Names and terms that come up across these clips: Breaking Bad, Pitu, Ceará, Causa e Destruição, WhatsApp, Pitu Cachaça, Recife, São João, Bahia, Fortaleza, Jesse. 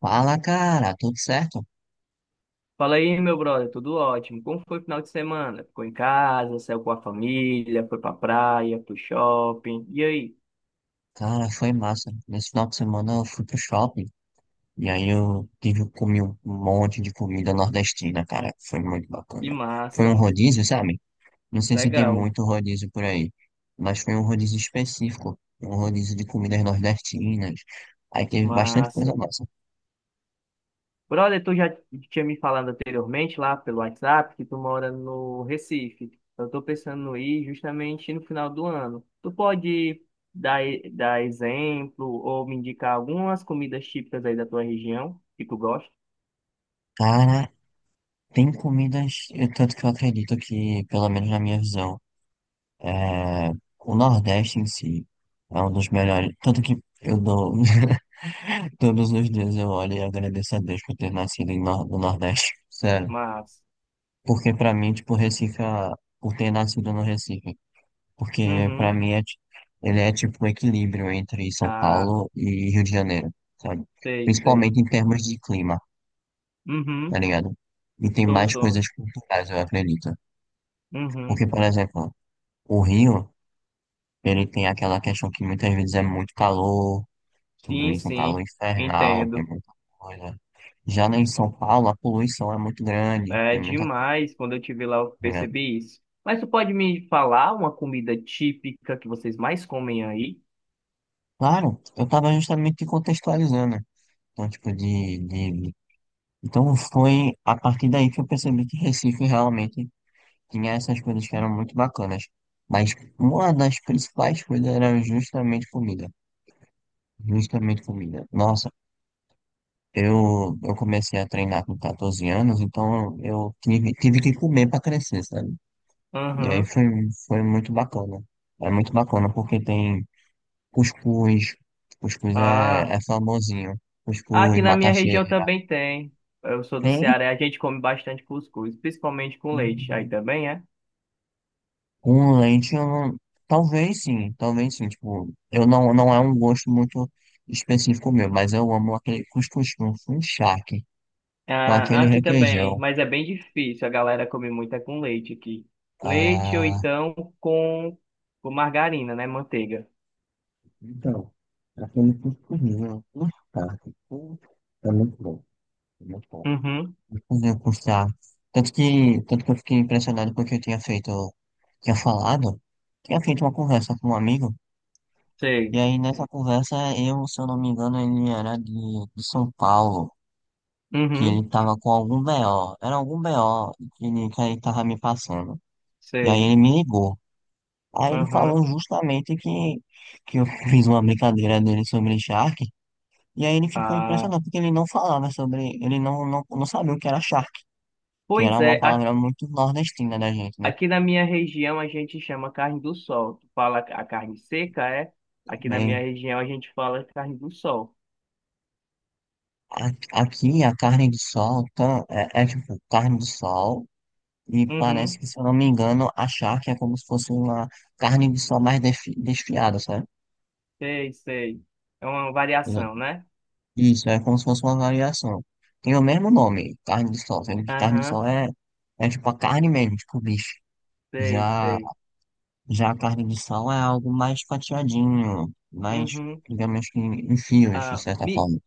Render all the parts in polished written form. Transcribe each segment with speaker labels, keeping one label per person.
Speaker 1: Fala, cara, tudo certo?
Speaker 2: Fala aí, meu brother, tudo ótimo. Como foi o final de semana? Ficou em casa, saiu com a família, foi pra praia, pro shopping. E aí?
Speaker 1: Cara, foi massa. Nesse final de semana eu fui pro shopping e aí eu tive, comi um monte de comida nordestina, cara. Foi muito
Speaker 2: Que
Speaker 1: bacana. Foi
Speaker 2: massa,
Speaker 1: um
Speaker 2: mano.
Speaker 1: rodízio, sabe? Não sei se tem
Speaker 2: Legal,
Speaker 1: muito rodízio por aí, mas foi um rodízio específico, um rodízio de comidas nordestinas. Aí teve bastante coisa
Speaker 2: massa.
Speaker 1: massa.
Speaker 2: Brother, tu já tinha me falado anteriormente lá pelo WhatsApp que tu mora no Recife. Eu tô pensando em ir justamente no final do ano. Tu pode dar, dar exemplo ou me indicar algumas comidas típicas aí da tua região que tu gosta?
Speaker 1: Cara, tem comidas, tanto que eu acredito que, pelo menos na minha visão, é, o Nordeste em si é um dos melhores. Tanto que eu dou. Todos os dias eu olho e agradeço a Deus por ter nascido em no Nordeste. Sério.
Speaker 2: Mas,
Speaker 1: Porque pra mim, tipo, por ter nascido no Recife. Porque pra
Speaker 2: uhum,
Speaker 1: mim ele é tipo um equilíbrio entre São
Speaker 2: ah,
Speaker 1: Paulo e Rio de Janeiro, sabe?
Speaker 2: sei, sei.
Speaker 1: Principalmente em termos de clima, tá
Speaker 2: Uhum.
Speaker 1: ligado? E tem
Speaker 2: Tô,
Speaker 1: mais
Speaker 2: tô.
Speaker 1: coisas culturais, eu acredito.
Speaker 2: Uhum.
Speaker 1: Porque, por exemplo, o Rio. Ele tem aquela questão que muitas vezes é muito calor, tudo
Speaker 2: Sim,
Speaker 1: isso, um calor
Speaker 2: sim,
Speaker 1: infernal, tem
Speaker 2: entendo.
Speaker 1: muita coisa. Já lá em São Paulo, a poluição é muito grande,
Speaker 2: É
Speaker 1: tem muita
Speaker 2: demais quando eu tive lá, eu
Speaker 1: coisa.
Speaker 2: percebi isso. Mas tu pode me falar uma comida típica que vocês mais comem aí?
Speaker 1: Claro, eu estava justamente te contextualizando, né? Então, tipo, Então, foi a partir daí que eu percebi que Recife realmente tinha essas coisas que eram muito bacanas. Mas uma das principais coisas era justamente comida. Justamente comida. Nossa, eu comecei a treinar com 14 anos, então eu tive que comer para crescer, sabe? E aí
Speaker 2: Uhum.
Speaker 1: foi, foi muito bacana. É muito bacana porque tem cuscuz, cuscuz
Speaker 2: Ah,
Speaker 1: é famosinho, cuscuz,
Speaker 2: aqui na minha
Speaker 1: macaxeira.
Speaker 2: região também tem. Eu sou do
Speaker 1: Tem
Speaker 2: Ceará, a gente come bastante cuscuz, principalmente com leite. Aí também é?
Speaker 1: com leite, eu não, talvez sim, talvez sim. Tipo, eu não é um gosto muito específico meu, mas eu amo aquele cuscuz com charque, com
Speaker 2: Ah,
Speaker 1: aquele
Speaker 2: aqui também,
Speaker 1: requeijão.
Speaker 2: mas é bem difícil. A galera come muito é com leite aqui. Leite ou
Speaker 1: Ah,
Speaker 2: então com, com margarina, né? Manteiga.
Speaker 1: então, já falei tudo comigo, tudo tarde, tudo. É muito bom, é muito bom.
Speaker 2: Uhum,
Speaker 1: Vou fazer cursar. Tanto que, tanto que eu fiquei impressionado porque eu tinha tinha falado, feito uma conversa com um amigo, e
Speaker 2: sei.
Speaker 1: aí nessa conversa eu, se eu não me engano, ele era de São Paulo, que
Speaker 2: Uhum.
Speaker 1: ele tava com algum BO, era algum BO que que ele tava me passando. E aí
Speaker 2: Sei.
Speaker 1: ele me ligou. Aí ele
Speaker 2: Aham.
Speaker 1: falou justamente que eu fiz uma brincadeira dele sobre Shark. E aí ele ficou
Speaker 2: Ah,
Speaker 1: impressionado porque ele não falava sobre, ele não, não, não sabia o que era charque, que
Speaker 2: pois
Speaker 1: era uma
Speaker 2: é,
Speaker 1: palavra muito nordestina da gente, né?
Speaker 2: aqui na minha região a gente chama carne do sol. Tu fala a carne seca, é? Aqui na minha
Speaker 1: Bem,
Speaker 2: região a gente fala carne do sol.
Speaker 1: aqui a carne de sol é tipo carne de sol e parece
Speaker 2: Uhum.
Speaker 1: que, se eu não me engano, a charque é como se fosse uma carne de sol desfiada, sabe?
Speaker 2: Sei, sei. É uma
Speaker 1: Né?
Speaker 2: variação, né?
Speaker 1: Isso, é como se fosse uma variação. Tem o mesmo nome, carne de sol, sendo que carne de
Speaker 2: Aham.
Speaker 1: sol é, é tipo a carne mesmo, tipo bife.
Speaker 2: Sei,
Speaker 1: Já
Speaker 2: sei.
Speaker 1: Já a carne de sal é algo mais fatiadinho, mais,
Speaker 2: Uhum.
Speaker 1: digamos que em fios, de
Speaker 2: Ah,
Speaker 1: certa
Speaker 2: me,
Speaker 1: forma.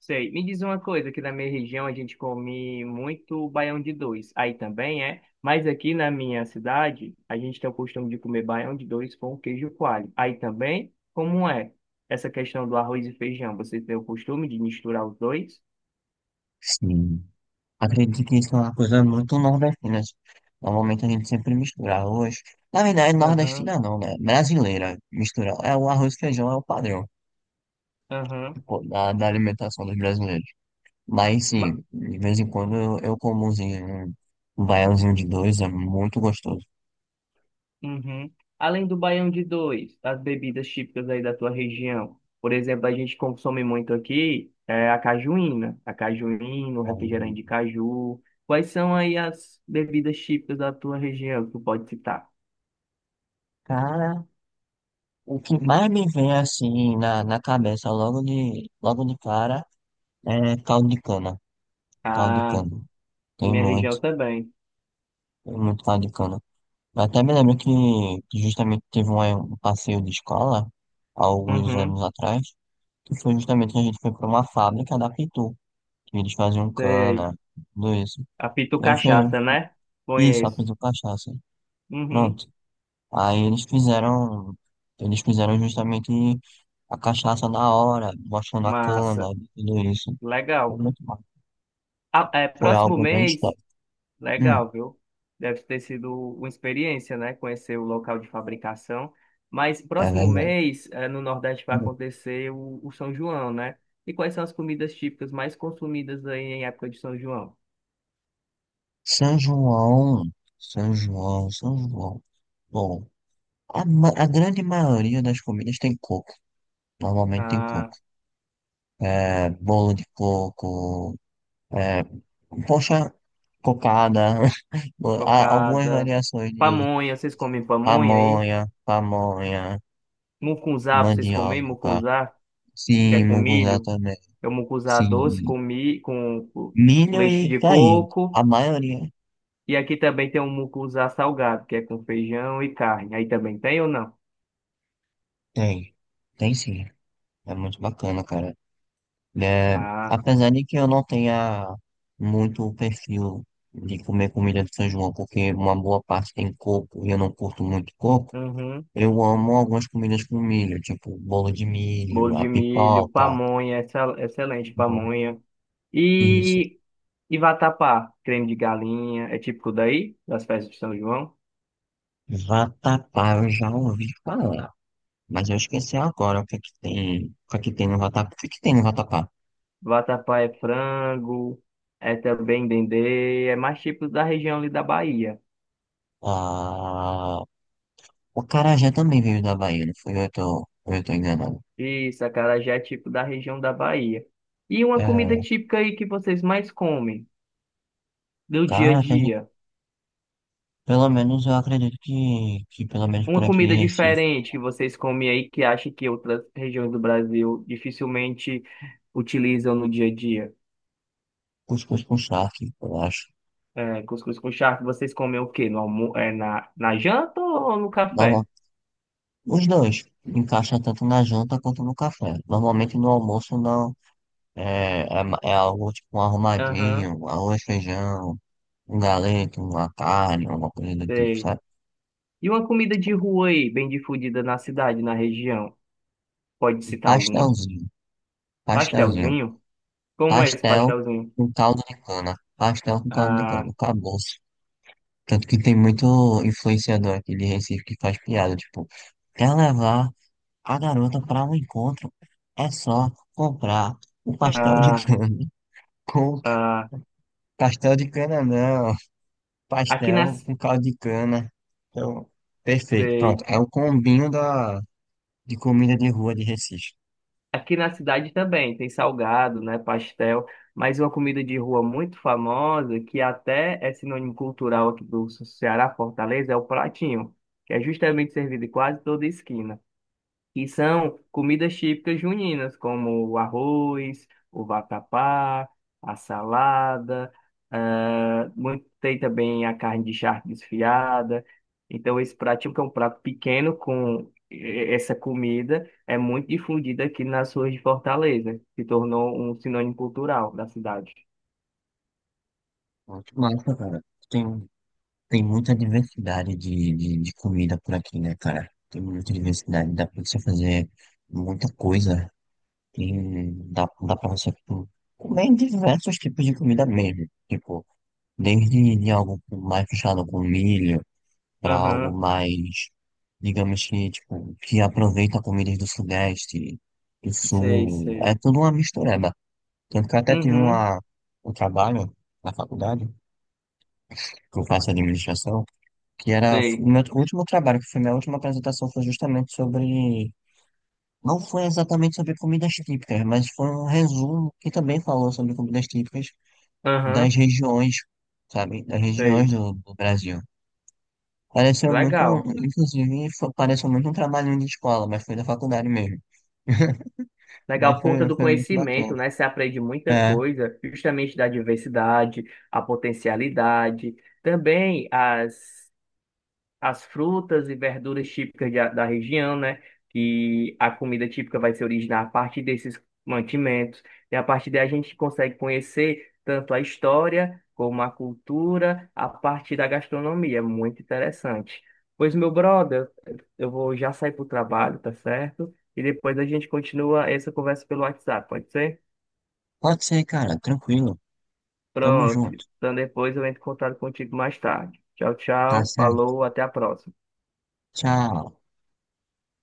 Speaker 2: Sei. Me diz uma coisa, aqui na minha região a gente come muito baião de dois. Aí também é, mas aqui na minha cidade a gente tem o costume de comer baião de dois com queijo coalho. Aí também, como é essa questão do arroz e feijão? Você tem o costume de misturar os dois?
Speaker 1: Sim. Acredito que isso é uma coisa muito nordestina. Normalmente a gente sempre mistura arroz. Na verdade,
Speaker 2: Aham,
Speaker 1: nordestina não, né? Brasileira mistura. É o arroz e feijão, é o padrão,
Speaker 2: aham.
Speaker 1: tipo, da alimentação dos brasileiros. Mas sim, de vez em quando eu como umzinho, um baiãozinho de dois, é muito gostoso.
Speaker 2: Uhum. Além do baião de dois, as bebidas típicas aí da tua região. Por exemplo, a gente consome muito aqui é, a cajuína, o
Speaker 1: Aí,
Speaker 2: refrigerante de caju. Quais são aí as bebidas típicas da tua região que tu pode citar?
Speaker 1: cara, o que mais me vem assim na cabeça logo de cara é caldo de cana. Caldo de
Speaker 2: Ah,
Speaker 1: cana.
Speaker 2: a
Speaker 1: Tem
Speaker 2: minha região
Speaker 1: muito,
Speaker 2: também.
Speaker 1: tem muito caldo de cana. Eu até me lembro que justamente teve um passeio de escola, há alguns
Speaker 2: Uhum,
Speaker 1: anos atrás, que foi justamente que a gente foi para uma fábrica da Pitu, que eles faziam
Speaker 2: sei.
Speaker 1: cana, tudo isso.
Speaker 2: A Pitu
Speaker 1: E aí foi
Speaker 2: Cachaça, né?
Speaker 1: isso, a
Speaker 2: Conheço.
Speaker 1: Pitu Cachaça.
Speaker 2: Uhum,
Speaker 1: Pronto. Aí eles eles fizeram justamente a cachaça na hora, mostrando a cana,
Speaker 2: massa.
Speaker 1: tudo isso. Foi
Speaker 2: Legal.
Speaker 1: muito bom.
Speaker 2: Ah, é,
Speaker 1: Foi
Speaker 2: próximo
Speaker 1: algo bem
Speaker 2: mês
Speaker 1: histórico. Hum,
Speaker 2: Legal, viu? Deve ter sido uma experiência, né? Conhecer o local de fabricação. Mas
Speaker 1: é
Speaker 2: próximo
Speaker 1: verdade.
Speaker 2: mês, no Nordeste, vai
Speaker 1: Hum.
Speaker 2: acontecer o São João, né? E quais são as comidas típicas mais consumidas aí em época de São João?
Speaker 1: São João, São João, São João. Bom, a grande maioria das comidas tem coco. Normalmente tem
Speaker 2: Ah,
Speaker 1: coco. É, bolo de coco, é, poxa, cocada, há algumas
Speaker 2: cocada,
Speaker 1: variações de
Speaker 2: pamonha, vocês comem pamonha aí?
Speaker 1: pamonha, pamonha.
Speaker 2: Mucunzá, vocês comem
Speaker 1: Mandioca,
Speaker 2: mucunzá, que é
Speaker 1: sim,
Speaker 2: com
Speaker 1: munguzá
Speaker 2: milho?
Speaker 1: também,
Speaker 2: É o mucunzá doce
Speaker 1: sim,
Speaker 2: com
Speaker 1: milho
Speaker 2: leite
Speaker 1: e
Speaker 2: de
Speaker 1: caído.
Speaker 2: coco.
Speaker 1: A maioria
Speaker 2: E aqui também tem um mucunzá salgado, que é com feijão e carne. Aí também tem ou não?
Speaker 1: tem, tem sim. É muito bacana, cara. É,
Speaker 2: Ah,
Speaker 1: apesar de que eu não tenha muito o perfil de comer comida de São João, porque uma boa parte tem coco e eu não curto muito coco,
Speaker 2: uhum.
Speaker 1: eu amo algumas comidas com milho, tipo bolo de
Speaker 2: Bolo
Speaker 1: milho, a
Speaker 2: de
Speaker 1: pipoca,
Speaker 2: milho,
Speaker 1: tá
Speaker 2: pamonha, excelente
Speaker 1: bom,
Speaker 2: pamonha.
Speaker 1: isso.
Speaker 2: E, e vatapá, creme de galinha, é típico daí, das festas de São João.
Speaker 1: Vatapá, eu já ouvi falar. Mas eu esqueci agora o que é que tem, o que é que tem no vatapá. O que é que tem no vatapá?
Speaker 2: Vatapá é frango, é também dendê, é mais típico da região ali da Bahia.
Speaker 1: Ah, o acarajé também veio da Bahia, não fui eu eu tô enganado.
Speaker 2: Isso, acarajé é típico da região da Bahia. E uma comida
Speaker 1: É,
Speaker 2: típica aí que vocês mais comem, do dia a
Speaker 1: cara, que a gente,
Speaker 2: dia?
Speaker 1: pelo menos eu acredito que pelo menos por
Speaker 2: Uma
Speaker 1: aqui
Speaker 2: comida
Speaker 1: em Recife,
Speaker 2: diferente que vocês comem aí que acha que outras regiões do Brasil dificilmente utilizam no dia a dia?
Speaker 1: cuscuz com charque, eu acho.
Speaker 2: É, cuscuz com charque, vocês comem o quê? No almo é, na, na janta ou no
Speaker 1: Normal,
Speaker 2: café?
Speaker 1: os dois encaixa tanto na janta quanto no café. Normalmente no almoço não, é algo tipo um
Speaker 2: Aham,
Speaker 1: arrumadinho, um arroz, feijão, um galeto, uma carne, uma coisa do tipo,
Speaker 2: sei.
Speaker 1: sabe?
Speaker 2: E uma comida de rua aí, bem difundida na cidade, na região? Pode
Speaker 1: Um
Speaker 2: citar alguma?
Speaker 1: pastelzinho. Pastelzinho.
Speaker 2: Pastelzinho? Como é esse
Speaker 1: Pastel
Speaker 2: pastelzinho?
Speaker 1: com caldo de cana. Pastel com caldo de cana.
Speaker 2: Ah,
Speaker 1: Acabou-se. Tanto que tem muito influenciador aqui de Recife que faz piada. Tipo, quer levar a garota para um encontro? É só comprar um pastel de
Speaker 2: ah,
Speaker 1: cana. Com c-
Speaker 2: ah.
Speaker 1: pastel de cana, não.
Speaker 2: Aqui
Speaker 1: Pastel
Speaker 2: nas...
Speaker 1: com caldo de cana. Então, perfeito.
Speaker 2: Sei.
Speaker 1: Pronto. É o combinho de comida de rua de Recife.
Speaker 2: Aqui na cidade também tem salgado, né, pastel, mas uma comida de rua muito famosa, que até é sinônimo cultural aqui do Ceará, Fortaleza, é o pratinho, que é justamente servido em quase toda esquina que são comidas típicas juninas, como o arroz, o vatapá, a salada, ah, tem também a carne de charque desfiada. Então, esse prato, típico é um prato pequeno com essa comida, é muito difundida aqui nas ruas de Fortaleza, se tornou um sinônimo cultural da cidade.
Speaker 1: Muito massa, cara. Tem Tem muita diversidade de comida por aqui, né, cara? Tem muita diversidade, dá pra você fazer muita coisa. Dá pra você tipo, comer diversos tipos de comida mesmo. Tipo, desde de algo mais fechado com milho, pra algo
Speaker 2: Aham,
Speaker 1: mais, digamos que, tipo, que aproveita comidas do Sudeste, do
Speaker 2: sei,
Speaker 1: Sul. É
Speaker 2: sei.
Speaker 1: tudo uma mistureba. Tanto que eu até tive
Speaker 2: Uhum,
Speaker 1: uma, um trabalho na faculdade, que eu faço administração, que era
Speaker 2: sei.
Speaker 1: o meu último trabalho, que foi minha última apresentação, foi justamente sobre. Não foi exatamente sobre comidas típicas, mas foi um resumo que também falou sobre comidas típicas
Speaker 2: Aham,
Speaker 1: das regiões, sabe? Das
Speaker 2: sei.
Speaker 1: regiões do, do Brasil. Pareceu muito,
Speaker 2: Legal.
Speaker 1: pareceu muito um trabalhinho de escola, mas foi da faculdade mesmo.
Speaker 2: Legal
Speaker 1: Mas
Speaker 2: por conta do
Speaker 1: foi muito
Speaker 2: conhecimento,
Speaker 1: bacana.
Speaker 2: né? Você aprende muita
Speaker 1: É,
Speaker 2: coisa, justamente da diversidade, a potencialidade, também as frutas e verduras típicas da região, né? Que a comida típica vai se originar a partir desses mantimentos. E a partir daí a gente consegue conhecer tanto a história como a cultura a partir da gastronomia. É muito interessante. Pois, meu brother, eu vou já sair para o trabalho, tá certo? E depois a gente continua essa conversa pelo WhatsApp, pode ser?
Speaker 1: pode ser, cara, tranquilo. Tamo
Speaker 2: Pronto.
Speaker 1: junto.
Speaker 2: Então depois eu entro em contato contigo mais tarde. Tchau,
Speaker 1: Tá
Speaker 2: tchau.
Speaker 1: certo.
Speaker 2: Falou, até a próxima.
Speaker 1: Tchau.